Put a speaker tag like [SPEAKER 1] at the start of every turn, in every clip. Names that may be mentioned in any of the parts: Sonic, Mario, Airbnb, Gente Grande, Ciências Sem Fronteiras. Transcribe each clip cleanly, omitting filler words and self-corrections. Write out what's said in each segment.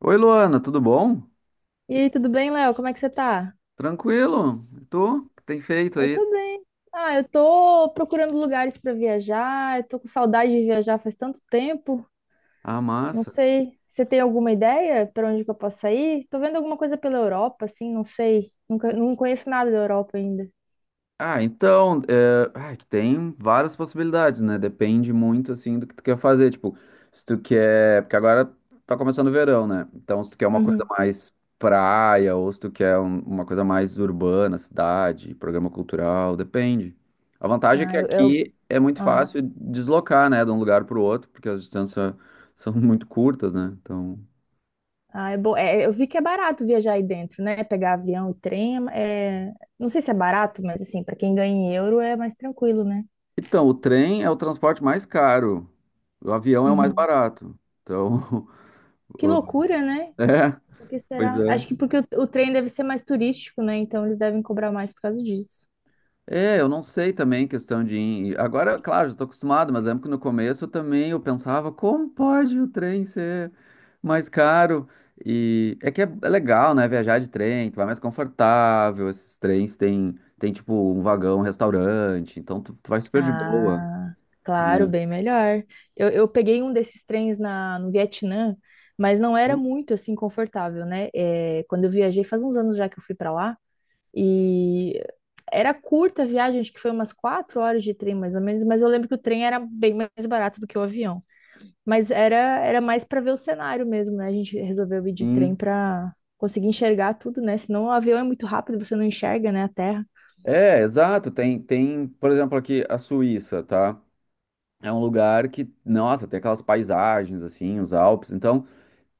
[SPEAKER 1] Oi, Luana, tudo bom?
[SPEAKER 2] E aí, tudo bem, Léo? Como é que você tá?
[SPEAKER 1] Tranquilo? E tu? O que tem feito
[SPEAKER 2] Eu
[SPEAKER 1] aí?
[SPEAKER 2] tô bem. Eu tô procurando lugares pra viajar, eu tô com saudade de viajar faz tanto tempo.
[SPEAKER 1] Ah,
[SPEAKER 2] Não
[SPEAKER 1] massa.
[SPEAKER 2] sei, você tem alguma ideia pra onde que eu possa ir? Tô vendo alguma coisa pela Europa, assim, não sei. Nunca, Não conheço nada da Europa ainda.
[SPEAKER 1] Que tem várias possibilidades, né? Depende muito, assim, do que tu quer fazer. Tipo, se tu quer... Porque agora tá começando o verão, né? Então, se tu quer uma coisa
[SPEAKER 2] Uhum.
[SPEAKER 1] mais praia ou se tu quer uma coisa mais urbana, cidade, programa cultural, depende. A vantagem é que
[SPEAKER 2] Ah, eu, eu-
[SPEAKER 1] aqui é muito
[SPEAKER 2] ah,
[SPEAKER 1] fácil deslocar, né? De um lugar pro outro, porque as distâncias são muito curtas, né? Então...
[SPEAKER 2] é bom. É, eu vi que é barato viajar aí dentro, né? Pegar avião e trem, não sei se é barato, mas assim, pra quem ganha em euro é mais tranquilo, né?
[SPEAKER 1] Então, o trem é o transporte mais caro. O avião é o mais
[SPEAKER 2] Uhum.
[SPEAKER 1] barato. Então,
[SPEAKER 2] Que
[SPEAKER 1] o-
[SPEAKER 2] loucura, né?
[SPEAKER 1] é,
[SPEAKER 2] Porque
[SPEAKER 1] pois
[SPEAKER 2] será? Acho
[SPEAKER 1] é.
[SPEAKER 2] que porque o trem deve ser mais turístico, né? Então eles devem cobrar mais por causa disso.
[SPEAKER 1] É, eu não sei também questão de. Agora, claro, já estou acostumado, mas lembro que no começo eu também eu pensava, como pode o trem ser mais caro? E é que é legal, né? Viajar de trem, tu vai mais confortável. Esses trens tem tipo um vagão, um restaurante, então tu vai super de boa,
[SPEAKER 2] Ah, claro,
[SPEAKER 1] né?
[SPEAKER 2] bem melhor. Eu peguei um desses trens no Vietnã, mas não era muito assim confortável, né? É, quando eu viajei, faz uns anos já que eu fui para lá, e era curta a viagem, acho que foi umas quatro horas de trem mais ou menos, mas eu lembro que o trem era bem mais barato do que o avião. Mas era, era mais para ver o cenário mesmo, né? A gente resolveu ir de trem
[SPEAKER 1] Sim.
[SPEAKER 2] para conseguir enxergar tudo, né? Senão o avião é muito rápido, você não enxerga, né, a terra.
[SPEAKER 1] É, exato. Tem, por exemplo, aqui a Suíça, tá? É um lugar que, nossa, tem aquelas paisagens assim, os Alpes. Então,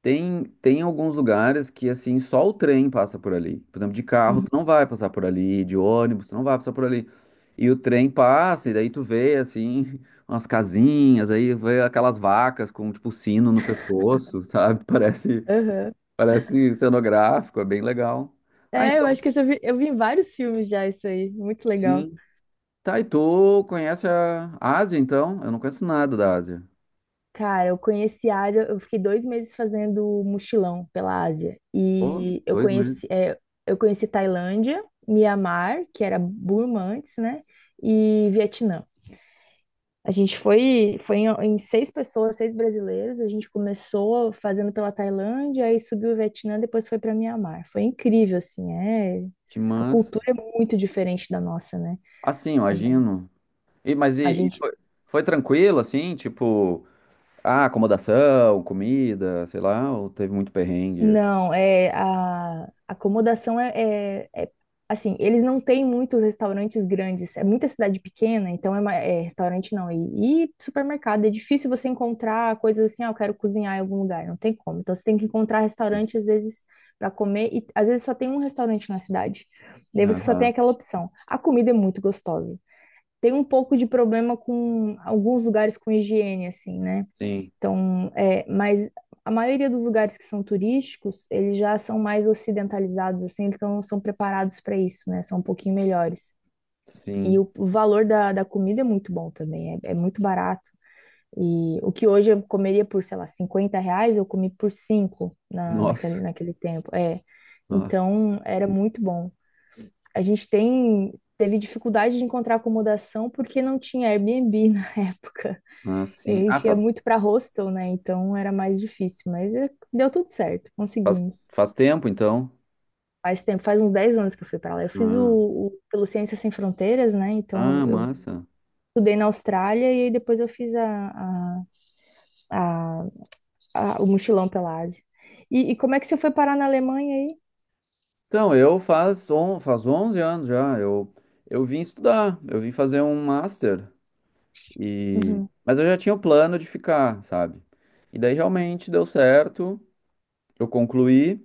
[SPEAKER 1] tem alguns lugares que assim, só o trem passa por ali. Por exemplo, de carro tu
[SPEAKER 2] Uhum.
[SPEAKER 1] não vai passar por ali, de ônibus tu não vai passar por ali. E o trem passa e daí tu vê assim umas casinhas, aí vê aquelas vacas com tipo sino no pescoço, sabe?
[SPEAKER 2] Aham.
[SPEAKER 1] Parece cenográfico, é bem legal. Ah,
[SPEAKER 2] É, eu
[SPEAKER 1] então,
[SPEAKER 2] acho que eu já vi, eu vi em vários filmes já isso aí. Muito legal.
[SPEAKER 1] sim. Tá, e tu conhece a Ásia, então? Eu não conheço nada da Ásia.
[SPEAKER 2] Cara, eu conheci a Ásia, eu fiquei dois meses fazendo mochilão pela Ásia.
[SPEAKER 1] Pô, 2 meses.
[SPEAKER 2] Eu conheci Tailândia, Mianmar, que era Burma antes, né? E Vietnã. A gente foi, foi em, Em seis pessoas, seis brasileiros. A gente começou fazendo pela Tailândia, aí subiu o Vietnã, depois foi para Mianmar. Foi incrível, assim, é.
[SPEAKER 1] Que
[SPEAKER 2] A
[SPEAKER 1] massa.
[SPEAKER 2] cultura é muito diferente da nossa, né?
[SPEAKER 1] Assim,
[SPEAKER 2] A gen-
[SPEAKER 1] imagino. E, mas
[SPEAKER 2] a
[SPEAKER 1] e, e
[SPEAKER 2] gente,
[SPEAKER 1] foi, Foi tranquilo, assim? Tipo, ah, acomodação, comida, sei lá, ou teve muito perrengue?
[SPEAKER 2] Não, é a acomodação assim, eles não têm muitos restaurantes grandes, é muita cidade pequena, então é, é restaurante não, e supermercado, é difícil você encontrar coisas assim, ah, eu quero cozinhar em algum lugar, não tem como. Então você tem que encontrar restaurante às vezes para comer e às vezes só tem um restaurante na cidade. Daí você só tem
[SPEAKER 1] Aham,
[SPEAKER 2] aquela opção. A comida é muito gostosa. Tem um pouco de problema com alguns lugares com higiene assim, né?
[SPEAKER 1] sim,
[SPEAKER 2] Então, é, mas a maioria dos lugares que são turísticos, eles já são mais ocidentalizados, assim, então são preparados para isso, né? São um pouquinho melhores. E
[SPEAKER 1] sim.
[SPEAKER 2] o valor da comida é muito bom também, é muito barato. E o que hoje eu comeria por, sei lá, 50 reais, eu comi por 5 naquele,
[SPEAKER 1] Nossa.
[SPEAKER 2] naquele tempo. É.
[SPEAKER 1] Ah,
[SPEAKER 2] Então, era muito bom. A gente tem, teve dificuldade de encontrar acomodação porque não tinha Airbnb na época.
[SPEAKER 1] ah,
[SPEAKER 2] A
[SPEAKER 1] sim.
[SPEAKER 2] gente ia muito para hostel, né? Então era mais difícil, mas deu tudo certo,
[SPEAKER 1] Faz,
[SPEAKER 2] conseguimos.
[SPEAKER 1] faz tempo, então.
[SPEAKER 2] Faz tempo, faz uns 10 anos que eu fui para lá. Eu fiz
[SPEAKER 1] Ah,
[SPEAKER 2] o- Pelo Ciências Sem Fronteiras, né? Então
[SPEAKER 1] ah,
[SPEAKER 2] eu
[SPEAKER 1] massa.
[SPEAKER 2] estudei na Austrália e aí depois eu fiz a- a- o mochilão pela Ásia. E como é que você foi parar na Alemanha aí?
[SPEAKER 1] Então, faz 11 anos já. Eu vim estudar, eu vim fazer um master. E...
[SPEAKER 2] Uhum.
[SPEAKER 1] Mas eu já tinha o plano de ficar, sabe? E daí realmente deu certo, eu concluí,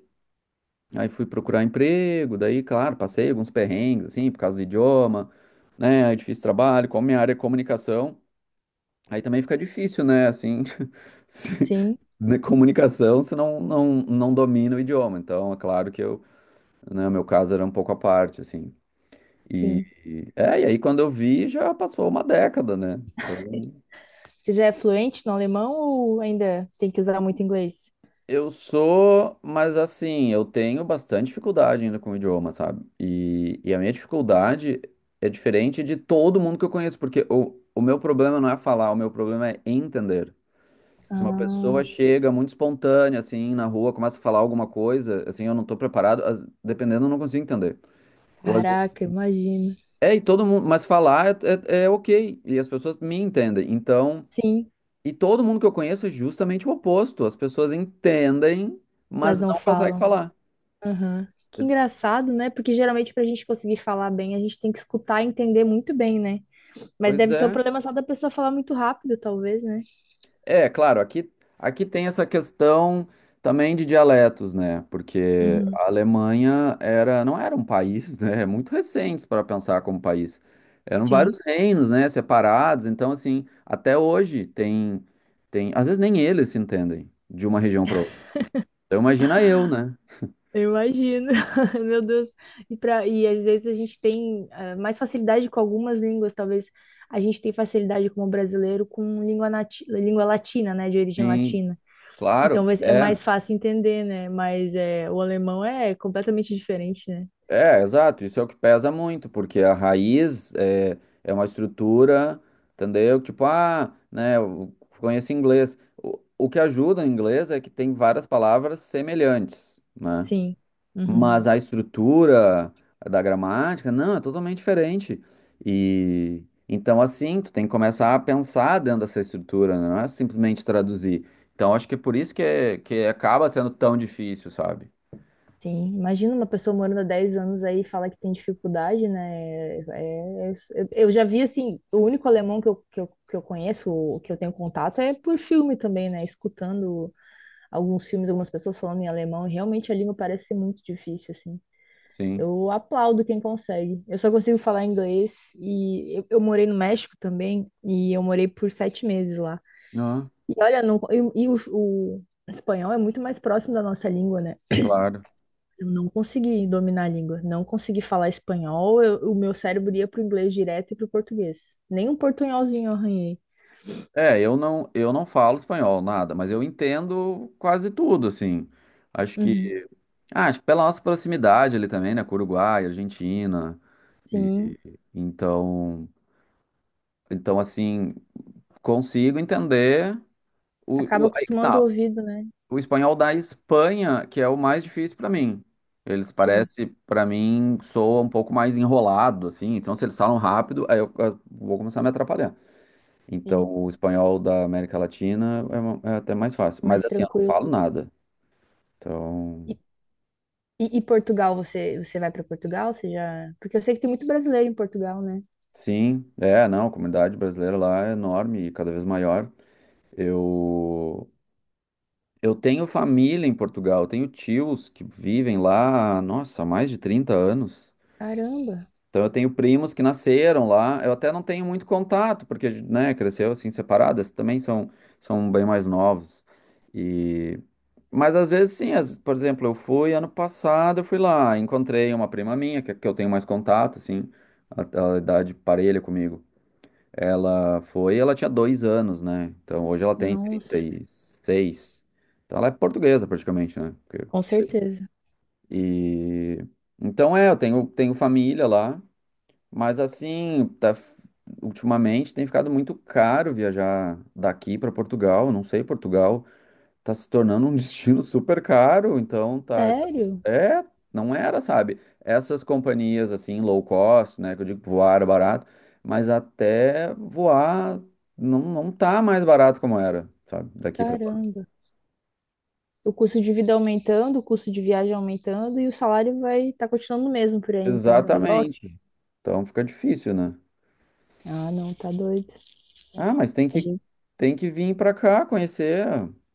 [SPEAKER 1] aí fui procurar emprego, daí, claro, passei alguns perrengues, assim, por causa do idioma, né? Aí difícil trabalho, como minha área é comunicação, aí também fica difícil, né? Assim, se-
[SPEAKER 2] Sim,
[SPEAKER 1] né, comunicação se não domina o idioma. Então, é claro que eu, né, o meu caso era um pouco à parte, assim. E,
[SPEAKER 2] sim.
[SPEAKER 1] e aí quando eu vi, já passou uma década, né? Então,
[SPEAKER 2] Você já é fluente no alemão ou ainda tem que usar muito inglês?
[SPEAKER 1] eu sou, mas assim, eu tenho bastante dificuldade ainda com o idioma, sabe? E a minha dificuldade é diferente de todo mundo que eu conheço, porque o meu problema não é falar, o meu problema é entender. Se uma pessoa chega muito espontânea, assim, na rua, começa a falar alguma coisa, assim, eu não tô preparado, dependendo, eu não consigo entender. Ou às vezes,
[SPEAKER 2] Caraca, imagino.
[SPEAKER 1] é, E todo mundo, mas falar é ok, e as pessoas me entendem. Então,
[SPEAKER 2] Sim,
[SPEAKER 1] e todo mundo que eu conheço é justamente o oposto, as pessoas entendem,
[SPEAKER 2] mas
[SPEAKER 1] mas
[SPEAKER 2] não
[SPEAKER 1] não conseguem
[SPEAKER 2] falam.
[SPEAKER 1] falar.
[SPEAKER 2] Aham. Que engraçado, né? Porque geralmente para a gente conseguir falar bem, a gente tem que escutar e entender muito bem, né? Mas
[SPEAKER 1] Pois
[SPEAKER 2] deve ser o
[SPEAKER 1] é.
[SPEAKER 2] problema só da pessoa falar muito rápido, talvez, né?
[SPEAKER 1] É, claro, aqui, Aqui tem essa questão também de dialetos, né? Porque
[SPEAKER 2] Uhum.
[SPEAKER 1] a Alemanha era, não era um país, né? É muito recente para pensar como país. Eram
[SPEAKER 2] Sim,
[SPEAKER 1] vários reinos, né? Separados. Então, assim, até hoje tem, às vezes nem eles se entendem de uma região para outra. Então, imagina eu, né?
[SPEAKER 2] eu imagino. Meu Deus. E às vezes a gente tem mais facilidade com algumas línguas, talvez a gente tem facilidade como brasileiro com língua, nati língua latina, né? De origem
[SPEAKER 1] Sim,
[SPEAKER 2] latina.
[SPEAKER 1] claro.
[SPEAKER 2] É
[SPEAKER 1] É.
[SPEAKER 2] mais fácil entender, né? Mas é, o alemão é completamente diferente, né?
[SPEAKER 1] É, exato, isso é o que pesa muito, porque é uma estrutura, entendeu? Tipo, ah, né, eu conheço inglês. O que ajuda em inglês é que tem várias palavras semelhantes, né?
[SPEAKER 2] Sim. Uhum.
[SPEAKER 1] Mas a estrutura da gramática, não, é totalmente diferente. E então, assim, tu tem que começar a pensar dentro dessa estrutura, né? Não é simplesmente traduzir. Então, acho que é por isso que, que acaba sendo tão difícil, sabe?
[SPEAKER 2] Sim, imagina uma pessoa morando há 10 anos aí e falar que tem dificuldade, né? Eu já vi, assim, o único alemão que eu conheço, o que eu tenho contato, é por filme também, né? Escutando alguns filmes, algumas pessoas falando em alemão, e realmente a língua parece ser muito difícil, assim.
[SPEAKER 1] Sim.
[SPEAKER 2] Eu aplaudo quem consegue. Eu só consigo falar inglês e eu morei no México também, e eu morei por sete meses lá.
[SPEAKER 1] Ah,
[SPEAKER 2] E olha, não, e o espanhol é muito mais próximo da nossa língua, né?
[SPEAKER 1] claro.
[SPEAKER 2] Eu não consegui dominar a língua, não consegui falar espanhol, o meu cérebro ia pro inglês direto e pro português. Nem um portunholzinho eu arranhei.
[SPEAKER 1] Eu não falo espanhol, nada, mas eu entendo quase tudo, assim. Acho
[SPEAKER 2] Uhum.
[SPEAKER 1] que, Acho que pela nossa proximidade ali também, né, com o Uruguai, Argentina,
[SPEAKER 2] Sim,
[SPEAKER 1] então, então assim, consigo entender
[SPEAKER 2] acaba
[SPEAKER 1] aí que
[SPEAKER 2] acostumando o
[SPEAKER 1] tá,
[SPEAKER 2] ouvido, né?
[SPEAKER 1] o espanhol da Espanha, que é o mais difícil para mim. Eles
[SPEAKER 2] Sim,
[SPEAKER 1] parece, para mim, soa um pouco mais enrolado, assim. Então, se eles falam rápido, aí eu vou começar a me atrapalhar. Então,
[SPEAKER 2] sim,
[SPEAKER 1] o espanhol da América Latina é, é até mais fácil.
[SPEAKER 2] mais
[SPEAKER 1] Mas assim, eu não
[SPEAKER 2] tranquilo.
[SPEAKER 1] falo nada. Então,
[SPEAKER 2] E, e Portugal, você vai para Portugal? Você já... Porque eu sei que tem muito brasileiro em Portugal, né?
[SPEAKER 1] sim, é, não, a comunidade brasileira lá é enorme e cada vez maior. Eu, eu tenho família em Portugal, eu tenho tios que vivem lá, nossa, há mais de 30 anos.
[SPEAKER 2] Caramba,
[SPEAKER 1] Então eu tenho primos que nasceram lá, eu até não tenho muito contato, porque, né, cresceu assim separadas, também são, são bem mais novos. E... Mas às vezes sim, por exemplo, eu fui ano passado, eu fui lá, encontrei uma prima minha, que eu tenho mais contato, assim, a idade parelha comigo. Ela foi, ela tinha 2 anos, né? Então hoje ela tem trinta
[SPEAKER 2] nossa,
[SPEAKER 1] e seis. Então ela é portuguesa praticamente, né? Porque-
[SPEAKER 2] com certeza.
[SPEAKER 1] E então é, tenho família lá. Mas assim, tá, ultimamente tem ficado muito caro viajar daqui para Portugal. Não sei, Portugal tá se tornando um destino super caro, então
[SPEAKER 2] Sério?
[SPEAKER 1] é, não era, sabe? Essas companhias assim low cost, né, que eu digo que voar era barato, mas até voar não tá mais barato como era, sabe? Daqui para lá.
[SPEAKER 2] Caramba. O custo de vida aumentando, o custo de viagem aumentando e o salário vai estar tá continuando o mesmo por aí, então. Igual aqui.
[SPEAKER 1] Exatamente. Então fica difícil, né?
[SPEAKER 2] Ah, não, tá doido.
[SPEAKER 1] Ah, mas
[SPEAKER 2] A gente-
[SPEAKER 1] tem que vir pra cá conhecer.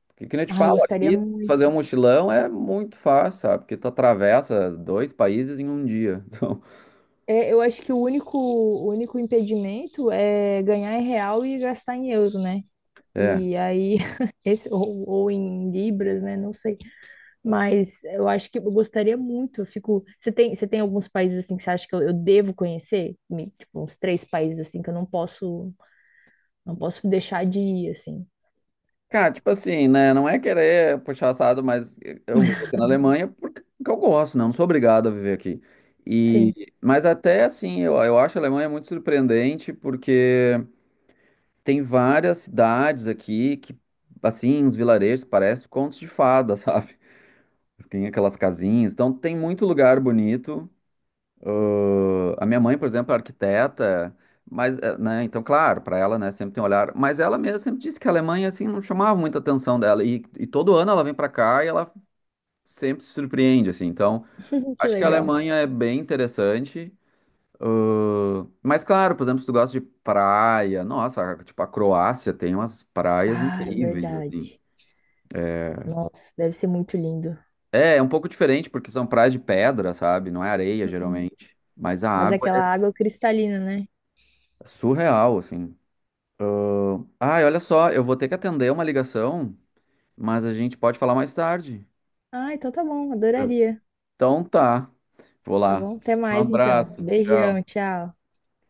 [SPEAKER 1] Porque que nem eu te
[SPEAKER 2] ai,
[SPEAKER 1] falo,
[SPEAKER 2] gostaria
[SPEAKER 1] aqui fazer um
[SPEAKER 2] muito.
[SPEAKER 1] mochilão é muito fácil, sabe? Porque tu atravessa dois países em um dia. Então,
[SPEAKER 2] É, eu acho que o único impedimento é ganhar em real e gastar em euro, né?
[SPEAKER 1] é.
[SPEAKER 2] E aí, esse, ou em libras, né? Não sei. Mas eu acho que eu gostaria muito. Eu fico. Você tem alguns países assim que você acha que eu devo conhecer? Tipo, uns três países assim que eu não posso, não posso deixar de ir, assim.
[SPEAKER 1] Cara, tipo assim, né? Não é querer puxar assado, mas eu vivo aqui na Alemanha porque eu gosto, né? Não sou obrigado a viver aqui.
[SPEAKER 2] Sim.
[SPEAKER 1] Eu acho a Alemanha muito surpreendente porque tem várias cidades aqui que, assim, uns vilarejos que parecem contos de fada, sabe? Tem aquelas casinhas. Então, tem muito lugar bonito. Ah, a minha mãe, por exemplo, é arquiteta, mas, né, então, claro, para ela, né, sempre tem um olhar. Mas ela mesma sempre disse que a Alemanha, assim, não chamava muita atenção dela. E todo ano ela vem para cá e ela sempre se surpreende, assim. Então,
[SPEAKER 2] Que
[SPEAKER 1] acho que a
[SPEAKER 2] legal.
[SPEAKER 1] Alemanha é bem interessante. Ah, mas, claro, por exemplo, se tu gosta de praia, nossa, tipo, a Croácia tem umas praias
[SPEAKER 2] Ah, é
[SPEAKER 1] incríveis, assim.
[SPEAKER 2] verdade. Nossa, deve ser muito lindo.
[SPEAKER 1] É, é um pouco diferente, porque são praias de pedra, sabe? Não é areia,
[SPEAKER 2] Uhum.
[SPEAKER 1] geralmente. Mas a
[SPEAKER 2] Mas é
[SPEAKER 1] água é
[SPEAKER 2] aquela água cristalina, né?
[SPEAKER 1] surreal, assim. Ai, olha só, eu vou ter que atender uma ligação, mas a gente pode falar mais tarde.
[SPEAKER 2] Ah, então tá bom, adoraria.
[SPEAKER 1] Então tá, vou
[SPEAKER 2] Tá
[SPEAKER 1] lá.
[SPEAKER 2] bom? Até
[SPEAKER 1] Um
[SPEAKER 2] mais então.
[SPEAKER 1] abraço,
[SPEAKER 2] Beijão,
[SPEAKER 1] tchau.
[SPEAKER 2] tchau.